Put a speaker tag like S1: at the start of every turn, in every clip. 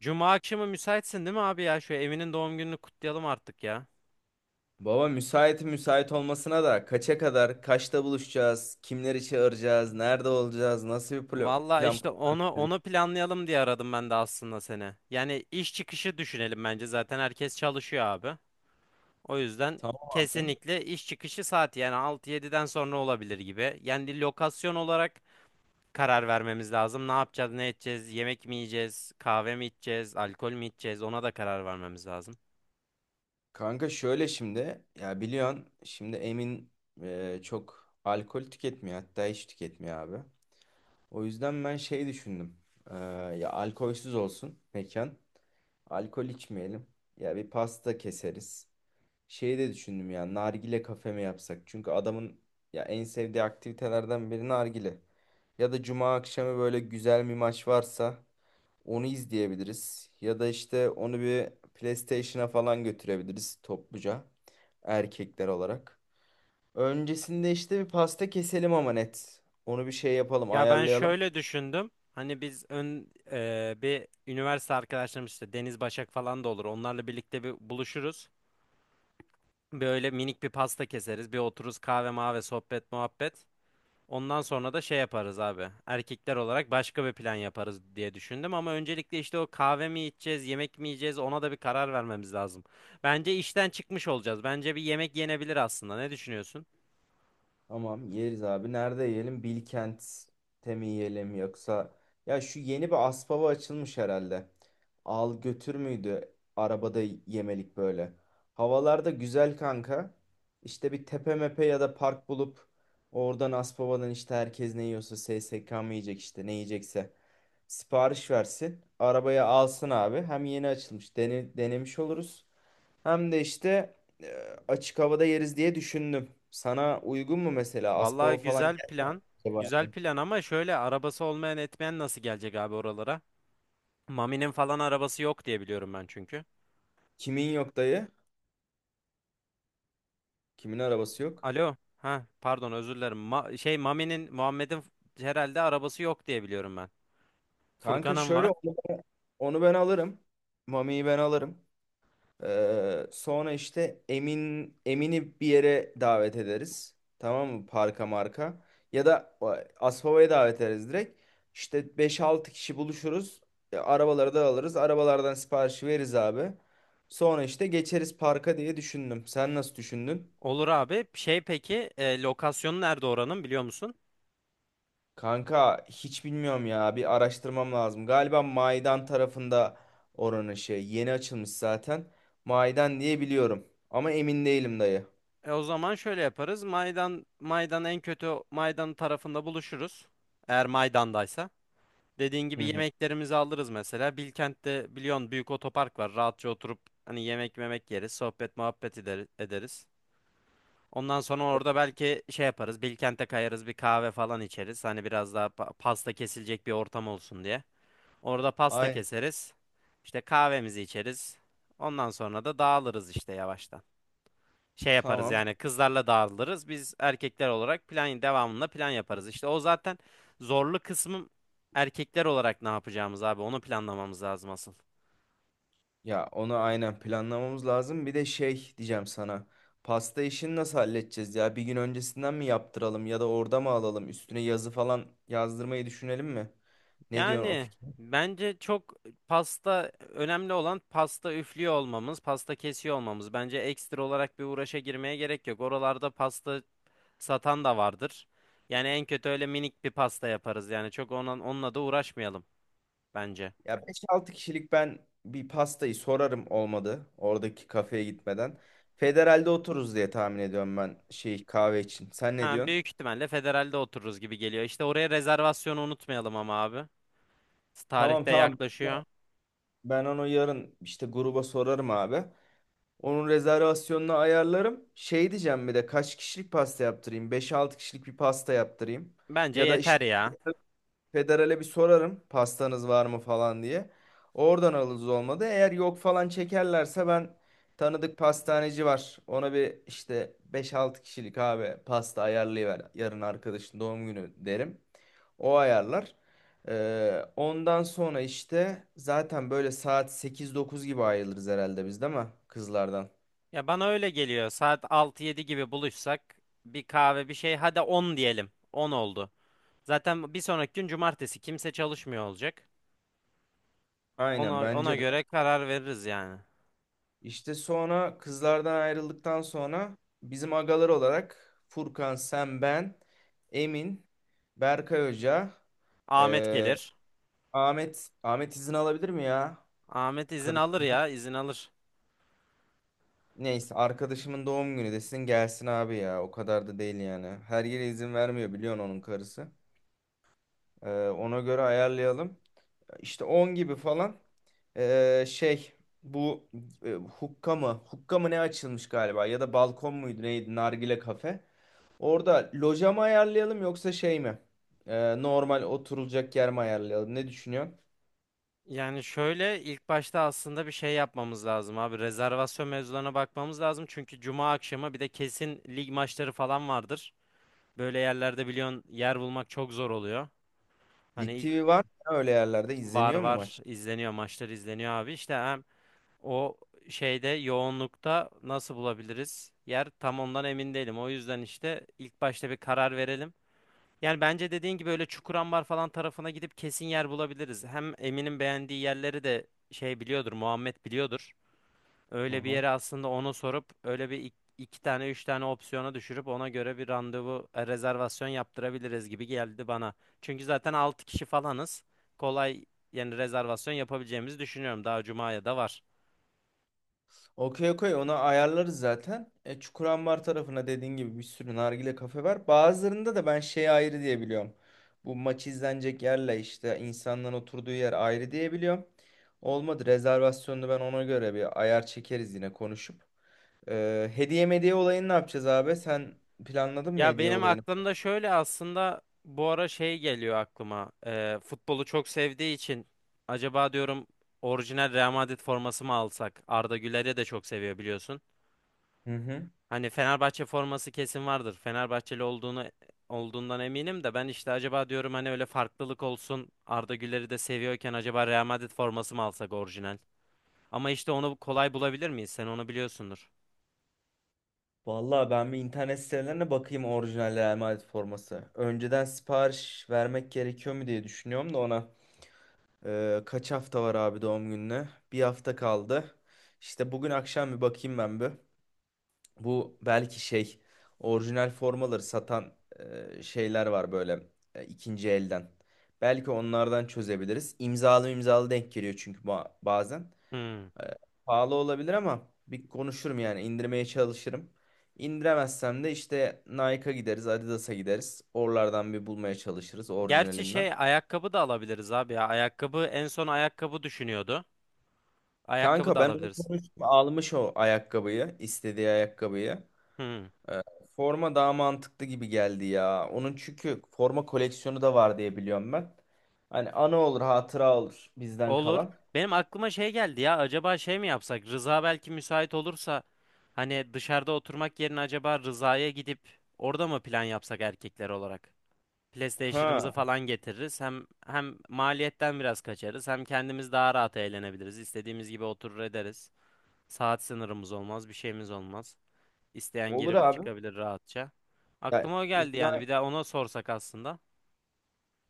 S1: Cuma akşamı müsaitsin değil mi abi ya? Şu Emin'in doğum gününü kutlayalım artık ya.
S2: Baba müsait müsait olmasına da kaça kadar, kaçta buluşacağız, kimleri çağıracağız, nerede olacağız, nasıl bir
S1: Valla
S2: plan
S1: işte
S2: program
S1: onu
S2: istedik?
S1: onu planlayalım diye aradım ben de aslında seni. Yani iş çıkışı düşünelim bence zaten herkes çalışıyor abi. O yüzden
S2: Tamam abi.
S1: kesinlikle iş çıkışı saati yani 6 yediden sonra olabilir gibi. Yani lokasyon olarak karar vermemiz lazım. Ne yapacağız, ne edeceğiz, yemek mi yiyeceğiz, kahve mi içeceğiz, alkol mü içeceğiz ona da karar vermemiz lazım.
S2: Kanka şöyle şimdi ya biliyorsun şimdi Emin çok alkol tüketmiyor hatta hiç tüketmiyor abi. O yüzden ben şey düşündüm. E, Ya alkolsüz olsun mekan. Alkol içmeyelim. Ya bir pasta keseriz. Şeyi de düşündüm ya, nargile kafe mi yapsak? Çünkü adamın ya en sevdiği aktivitelerden biri nargile. Ya da cuma akşamı böyle güzel bir maç varsa onu izleyebiliriz. Ya da işte onu bir PlayStation'a falan götürebiliriz topluca, erkekler olarak. Öncesinde işte bir pasta keselim ama net. Onu bir şey yapalım,
S1: Ya ben
S2: ayarlayalım.
S1: şöyle düşündüm. Hani biz bir üniversite arkadaşlarımız işte Deniz Başak falan da olur. Onlarla birlikte bir buluşuruz. Böyle minik bir pasta keseriz. Bir otururuz kahve mahve sohbet muhabbet. Ondan sonra da şey yaparız abi. Erkekler olarak başka bir plan yaparız diye düşündüm. Ama öncelikle işte o kahve mi içeceğiz, yemek mi yiyeceğiz ona da bir karar vermemiz lazım. Bence işten çıkmış olacağız. Bence bir yemek yenebilir aslında. Ne düşünüyorsun?
S2: Tamam, yeriz abi. Nerede yiyelim? Bilkent'te mi yiyelim, yoksa ya şu yeni bir Aspava açılmış herhalde. Al götür müydü? Arabada yemelik böyle. Havalarda güzel kanka. İşte bir tepe mepe ya da park bulup oradan Aspava'dan, işte herkes ne yiyorsa, SSK mı yiyecek, işte ne yiyecekse sipariş versin. Arabaya alsın abi. Hem yeni açılmış, denemiş oluruz. Hem de işte açık havada yeriz diye düşündüm. Sana uygun mu mesela? Aspava
S1: Vallahi
S2: falan
S1: güzel
S2: gelme
S1: plan.
S2: acaba?
S1: Güzel plan ama şöyle arabası olmayan etmeyen nasıl gelecek abi oralara? Mami'nin falan arabası yok diye biliyorum ben çünkü.
S2: Kimin yok dayı? Kimin arabası yok?
S1: Alo. Ha pardon özür dilerim. Şey Mami'nin Muhammed'in herhalde arabası yok diye biliyorum ben.
S2: Kanka
S1: Furkan'ın
S2: şöyle
S1: var.
S2: onu, onu ben alırım. Mami'yi ben alırım. Sonra işte Emin'i bir yere davet ederiz. Tamam mı? Parka marka. Ya da Aspava'ya davet ederiz direkt. İşte beş altı kişi buluşuruz. E, arabaları da alırız. Arabalardan siparişi veririz abi. Sonra işte geçeriz parka diye düşündüm. Sen nasıl düşündün?
S1: Olur abi. Şey peki lokasyonu nerede oranın biliyor musun?
S2: Kanka hiç bilmiyorum ya. Bir araştırmam lazım. Galiba Maydan tarafında, oranın şey, yeni açılmış zaten. Maydan diye biliyorum. Ama emin değilim dayı.
S1: O zaman şöyle yaparız. Maydan en kötü Maydan tarafında buluşuruz. Eğer Maydan'daysa. Dediğin
S2: Hı
S1: gibi
S2: hı.
S1: yemeklerimizi alırız mesela. Bilkent'te biliyorsun büyük otopark var. Rahatça oturup hani yemek memek yeriz. Sohbet muhabbet ederiz. Ondan sonra orada belki şey yaparız. Bilkent'e kayarız bir kahve falan içeriz. Hani biraz daha pasta kesilecek bir ortam olsun diye. Orada pasta
S2: Aynen.
S1: keseriz. İşte kahvemizi içeriz. Ondan sonra da dağılırız işte yavaştan şey yaparız
S2: Tamam.
S1: yani kızlarla dağılırız. Biz erkekler olarak plan devamında plan yaparız. İşte o zaten zorlu kısmım erkekler olarak ne yapacağımız abi onu planlamamız lazım asıl.
S2: Ya onu aynen planlamamız lazım. Bir de şey diyeceğim sana. Pasta işini nasıl halledeceğiz ya? Bir gün öncesinden mi yaptıralım, ya da orada mı alalım? Üstüne yazı falan yazdırmayı düşünelim mi? Ne diyorsun o
S1: Yani
S2: fikir?
S1: bence çok pasta önemli olan pasta üflüyor olmamız, pasta kesiyor olmamız. Bence ekstra olarak bir uğraşa girmeye gerek yok. Oralarda pasta satan da vardır. Yani en kötü öyle minik bir pasta yaparız. Yani çok onunla da uğraşmayalım bence.
S2: Ya beş altı kişilik ben bir pastayı sorarım olmadı. Oradaki kafeye gitmeden. Federal'de otururuz diye tahmin ediyorum ben, şey, kahve için. Sen ne
S1: Ha,
S2: diyorsun?
S1: büyük ihtimalle federalde otururuz gibi geliyor. İşte oraya rezervasyonu unutmayalım ama abi.
S2: Tamam
S1: Tarihte
S2: tamam.
S1: yaklaşıyor.
S2: Ben onu yarın işte gruba sorarım abi. Onun rezervasyonunu ayarlarım. Şey diyeceğim, bir de kaç kişilik pasta yaptırayım? Beş-altı kişilik bir pasta yaptırayım.
S1: Bence
S2: Ya da
S1: yeter
S2: işte
S1: ya.
S2: federale bir sorarım, pastanız var mı falan diye. Oradan alırız olmadı. Eğer yok falan çekerlerse, ben tanıdık pastaneci var. Ona bir işte beş-altı kişilik abi pasta ayarlayıver. Yarın arkadaşın doğum günü derim. O ayarlar. Ondan sonra işte zaten böyle saat sekiz-dokuz gibi ayrılırız herhalde biz değil mi? Kızlardan.
S1: Ya bana öyle geliyor. Saat altı yedi gibi buluşsak bir kahve bir şey hadi 10 diyelim. 10 oldu. Zaten bir sonraki gün cumartesi kimse çalışmıyor olacak.
S2: Aynen
S1: Ona
S2: bence de.
S1: göre karar veririz yani.
S2: İşte sonra kızlardan ayrıldıktan sonra bizim agalar olarak Furkan, sen, ben, Emin, Berkay Hoca,
S1: Ahmet
S2: eee,
S1: gelir.
S2: Ahmet izin alabilir mi ya?
S1: Ahmet izin alır
S2: Karısından.
S1: ya, izin alır.
S2: Neyse, arkadaşımın doğum günü desin, gelsin abi ya. O kadar da değil yani. Her yere izin vermiyor biliyorsun onun karısı. Ona göre ayarlayalım. İşte 10 gibi falan, eee, şey bu hukka mı ne açılmış galiba, ya da balkon muydu neydi, nargile kafe. Orada loja mı ayarlayalım, yoksa şey mi? Normal oturulacak yer mi ayarlayalım? Ne düşünüyorsun?
S1: Yani şöyle ilk başta aslında bir şey yapmamız lazım abi. Rezervasyon mevzularına bakmamız lazım. Çünkü cuma akşamı bir de kesin lig maçları falan vardır. Böyle yerlerde biliyorsun yer bulmak çok zor oluyor. Hani
S2: Lig
S1: ilk
S2: TV var mı ya? Öyle yerlerde
S1: var
S2: izleniyor mu
S1: var
S2: maç?
S1: izleniyor maçlar izleniyor abi. İşte hem o şeyde yoğunlukta nasıl bulabiliriz yer tam ondan emin değilim. O yüzden işte ilk başta bir karar verelim. Yani bence dediğin gibi öyle Çukurambar falan tarafına gidip kesin yer bulabiliriz. Hem Emin'in beğendiği yerleri de şey biliyordur, Muhammed biliyordur. Öyle bir
S2: Hı.
S1: yere aslında onu sorup öyle bir iki tane üç tane opsiyona düşürüp ona göre bir rezervasyon yaptırabiliriz gibi geldi bana. Çünkü zaten 6 kişi falanız. Kolay yani rezervasyon yapabileceğimizi düşünüyorum. Daha Cuma'ya da var.
S2: Okey okey, onu ayarlarız zaten. E, Çukurambar tarafına dediğin gibi bir sürü nargile kafe var. Bazılarında da ben şey ayrı diye biliyorum. Bu maç izlenecek yerle işte insanların oturduğu yer ayrı diye biliyorum. Olmadı rezervasyonunu ben ona göre bir ayar çekeriz yine konuşup. E, hediye mediye olayını ne yapacağız abi? Sen planladın mı
S1: Ya
S2: hediye
S1: benim
S2: olayını?
S1: aklımda şöyle aslında bu ara şey geliyor aklıma. Futbolu çok sevdiği için acaba diyorum orijinal Real Madrid forması mı alsak? Arda Güler'i de çok seviyor biliyorsun.
S2: Hı hı.
S1: Hani Fenerbahçe forması kesin vardır. Fenerbahçeli olduğundan eminim de ben işte acaba diyorum hani öyle farklılık olsun. Arda Güler'i de seviyorken acaba Real Madrid forması mı alsak orijinal? Ama işte onu kolay bulabilir miyiz? Sen onu biliyorsundur.
S2: Vallahi ben bir internet sitelerine bakayım, orijinal Real Madrid forması. Önceden sipariş vermek gerekiyor mu diye düşünüyorum da ona. Kaç hafta var abi doğum gününe? Bir hafta kaldı. İşte bugün akşam bir bakayım ben bir. Bu belki şey, orijinal formaları satan şeyler var böyle, ikinci elden. Belki onlardan çözebiliriz. İmzalı imzalı denk geliyor çünkü bazen.
S1: Hmm.
S2: E, pahalı olabilir ama bir konuşurum yani, indirmeye çalışırım. İndiremezsem de işte Nike'a gideriz, Adidas'a gideriz. Oralardan bir bulmaya çalışırız
S1: Gerçi
S2: orijinalinden.
S1: şey ayakkabı da alabiliriz abi ya. Ayakkabı en son ayakkabı düşünüyordu. Ayakkabı
S2: Kanka
S1: da
S2: ben onu
S1: alabiliriz.
S2: konuştum. Almış o ayakkabıyı. İstediği ayakkabıyı.
S1: Hı,
S2: Ee, forma daha mantıklı gibi geldi ya. Onun çünkü forma koleksiyonu da var diye biliyorum ben. Hani anı olur, hatıra olur bizden
S1: olur.
S2: kalan.
S1: Benim aklıma şey geldi ya. Acaba şey mi yapsak? Rıza belki müsait olursa hani dışarıda oturmak yerine acaba Rıza'ya gidip orada mı plan yapsak erkekler olarak? PlayStation'ımızı
S2: Ha,
S1: falan getiririz. Hem maliyetten biraz kaçarız. Hem kendimiz daha rahat eğlenebiliriz. İstediğimiz gibi oturur ederiz. Saat sınırımız olmaz, bir şeyimiz olmaz. İsteyen
S2: olur
S1: girip
S2: abi.
S1: çıkabilir rahatça. Aklıma o geldi yani.
S2: Ya,
S1: Bir de ona sorsak aslında.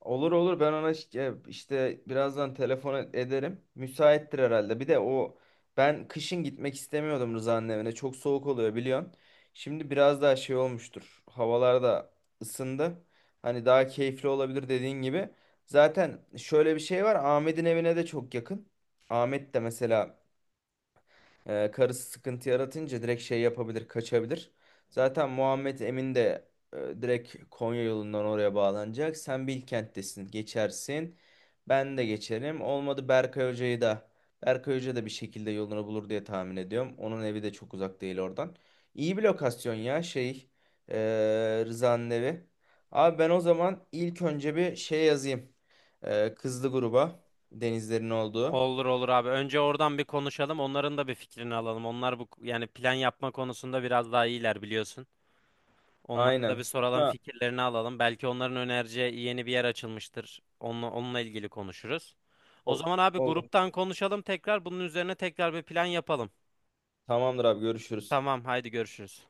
S2: olur olur, ben ona işte birazdan telefon ederim. Müsaittir herhalde. Bir de o, ben kışın gitmek istemiyordum Rıza'nın evine. Çok soğuk oluyor biliyorsun. Şimdi biraz daha şey olmuştur. Havalar da ısındı. Hani daha keyifli olabilir dediğin gibi. Zaten şöyle bir şey var. Ahmet'in evine de çok yakın. Ahmet de mesela karısı sıkıntı yaratınca direkt şey yapabilir, kaçabilir. Zaten Muhammed Emin de direkt Konya yolundan oraya bağlanacak. Sen Bilkent'tesin, geçersin. Ben de geçerim. Olmadı Berkay Hoca'yı da. Berkay Hoca da bir şekilde yolunu bulur diye tahmin ediyorum. Onun evi de çok uzak değil oradan. İyi bir lokasyon ya, şey, e, Rıza'nın evi. Abi ben o zaman ilk önce bir şey yazayım. E, kızlı gruba, denizlerin olduğu.
S1: Olur olur abi. Önce oradan bir konuşalım. Onların da bir fikrini alalım. Onlar bu yani plan yapma konusunda biraz daha iyiler biliyorsun. Onlara da
S2: Aynen.
S1: bir soralım,
S2: Sonra
S1: fikirlerini alalım. Belki onların önereceği yeni bir yer açılmıştır. Onunla ilgili konuşuruz. O
S2: o-
S1: zaman abi
S2: olur.
S1: gruptan konuşalım tekrar. Bunun üzerine tekrar bir plan yapalım.
S2: Tamamdır abi, görüşürüz.
S1: Tamam, haydi görüşürüz.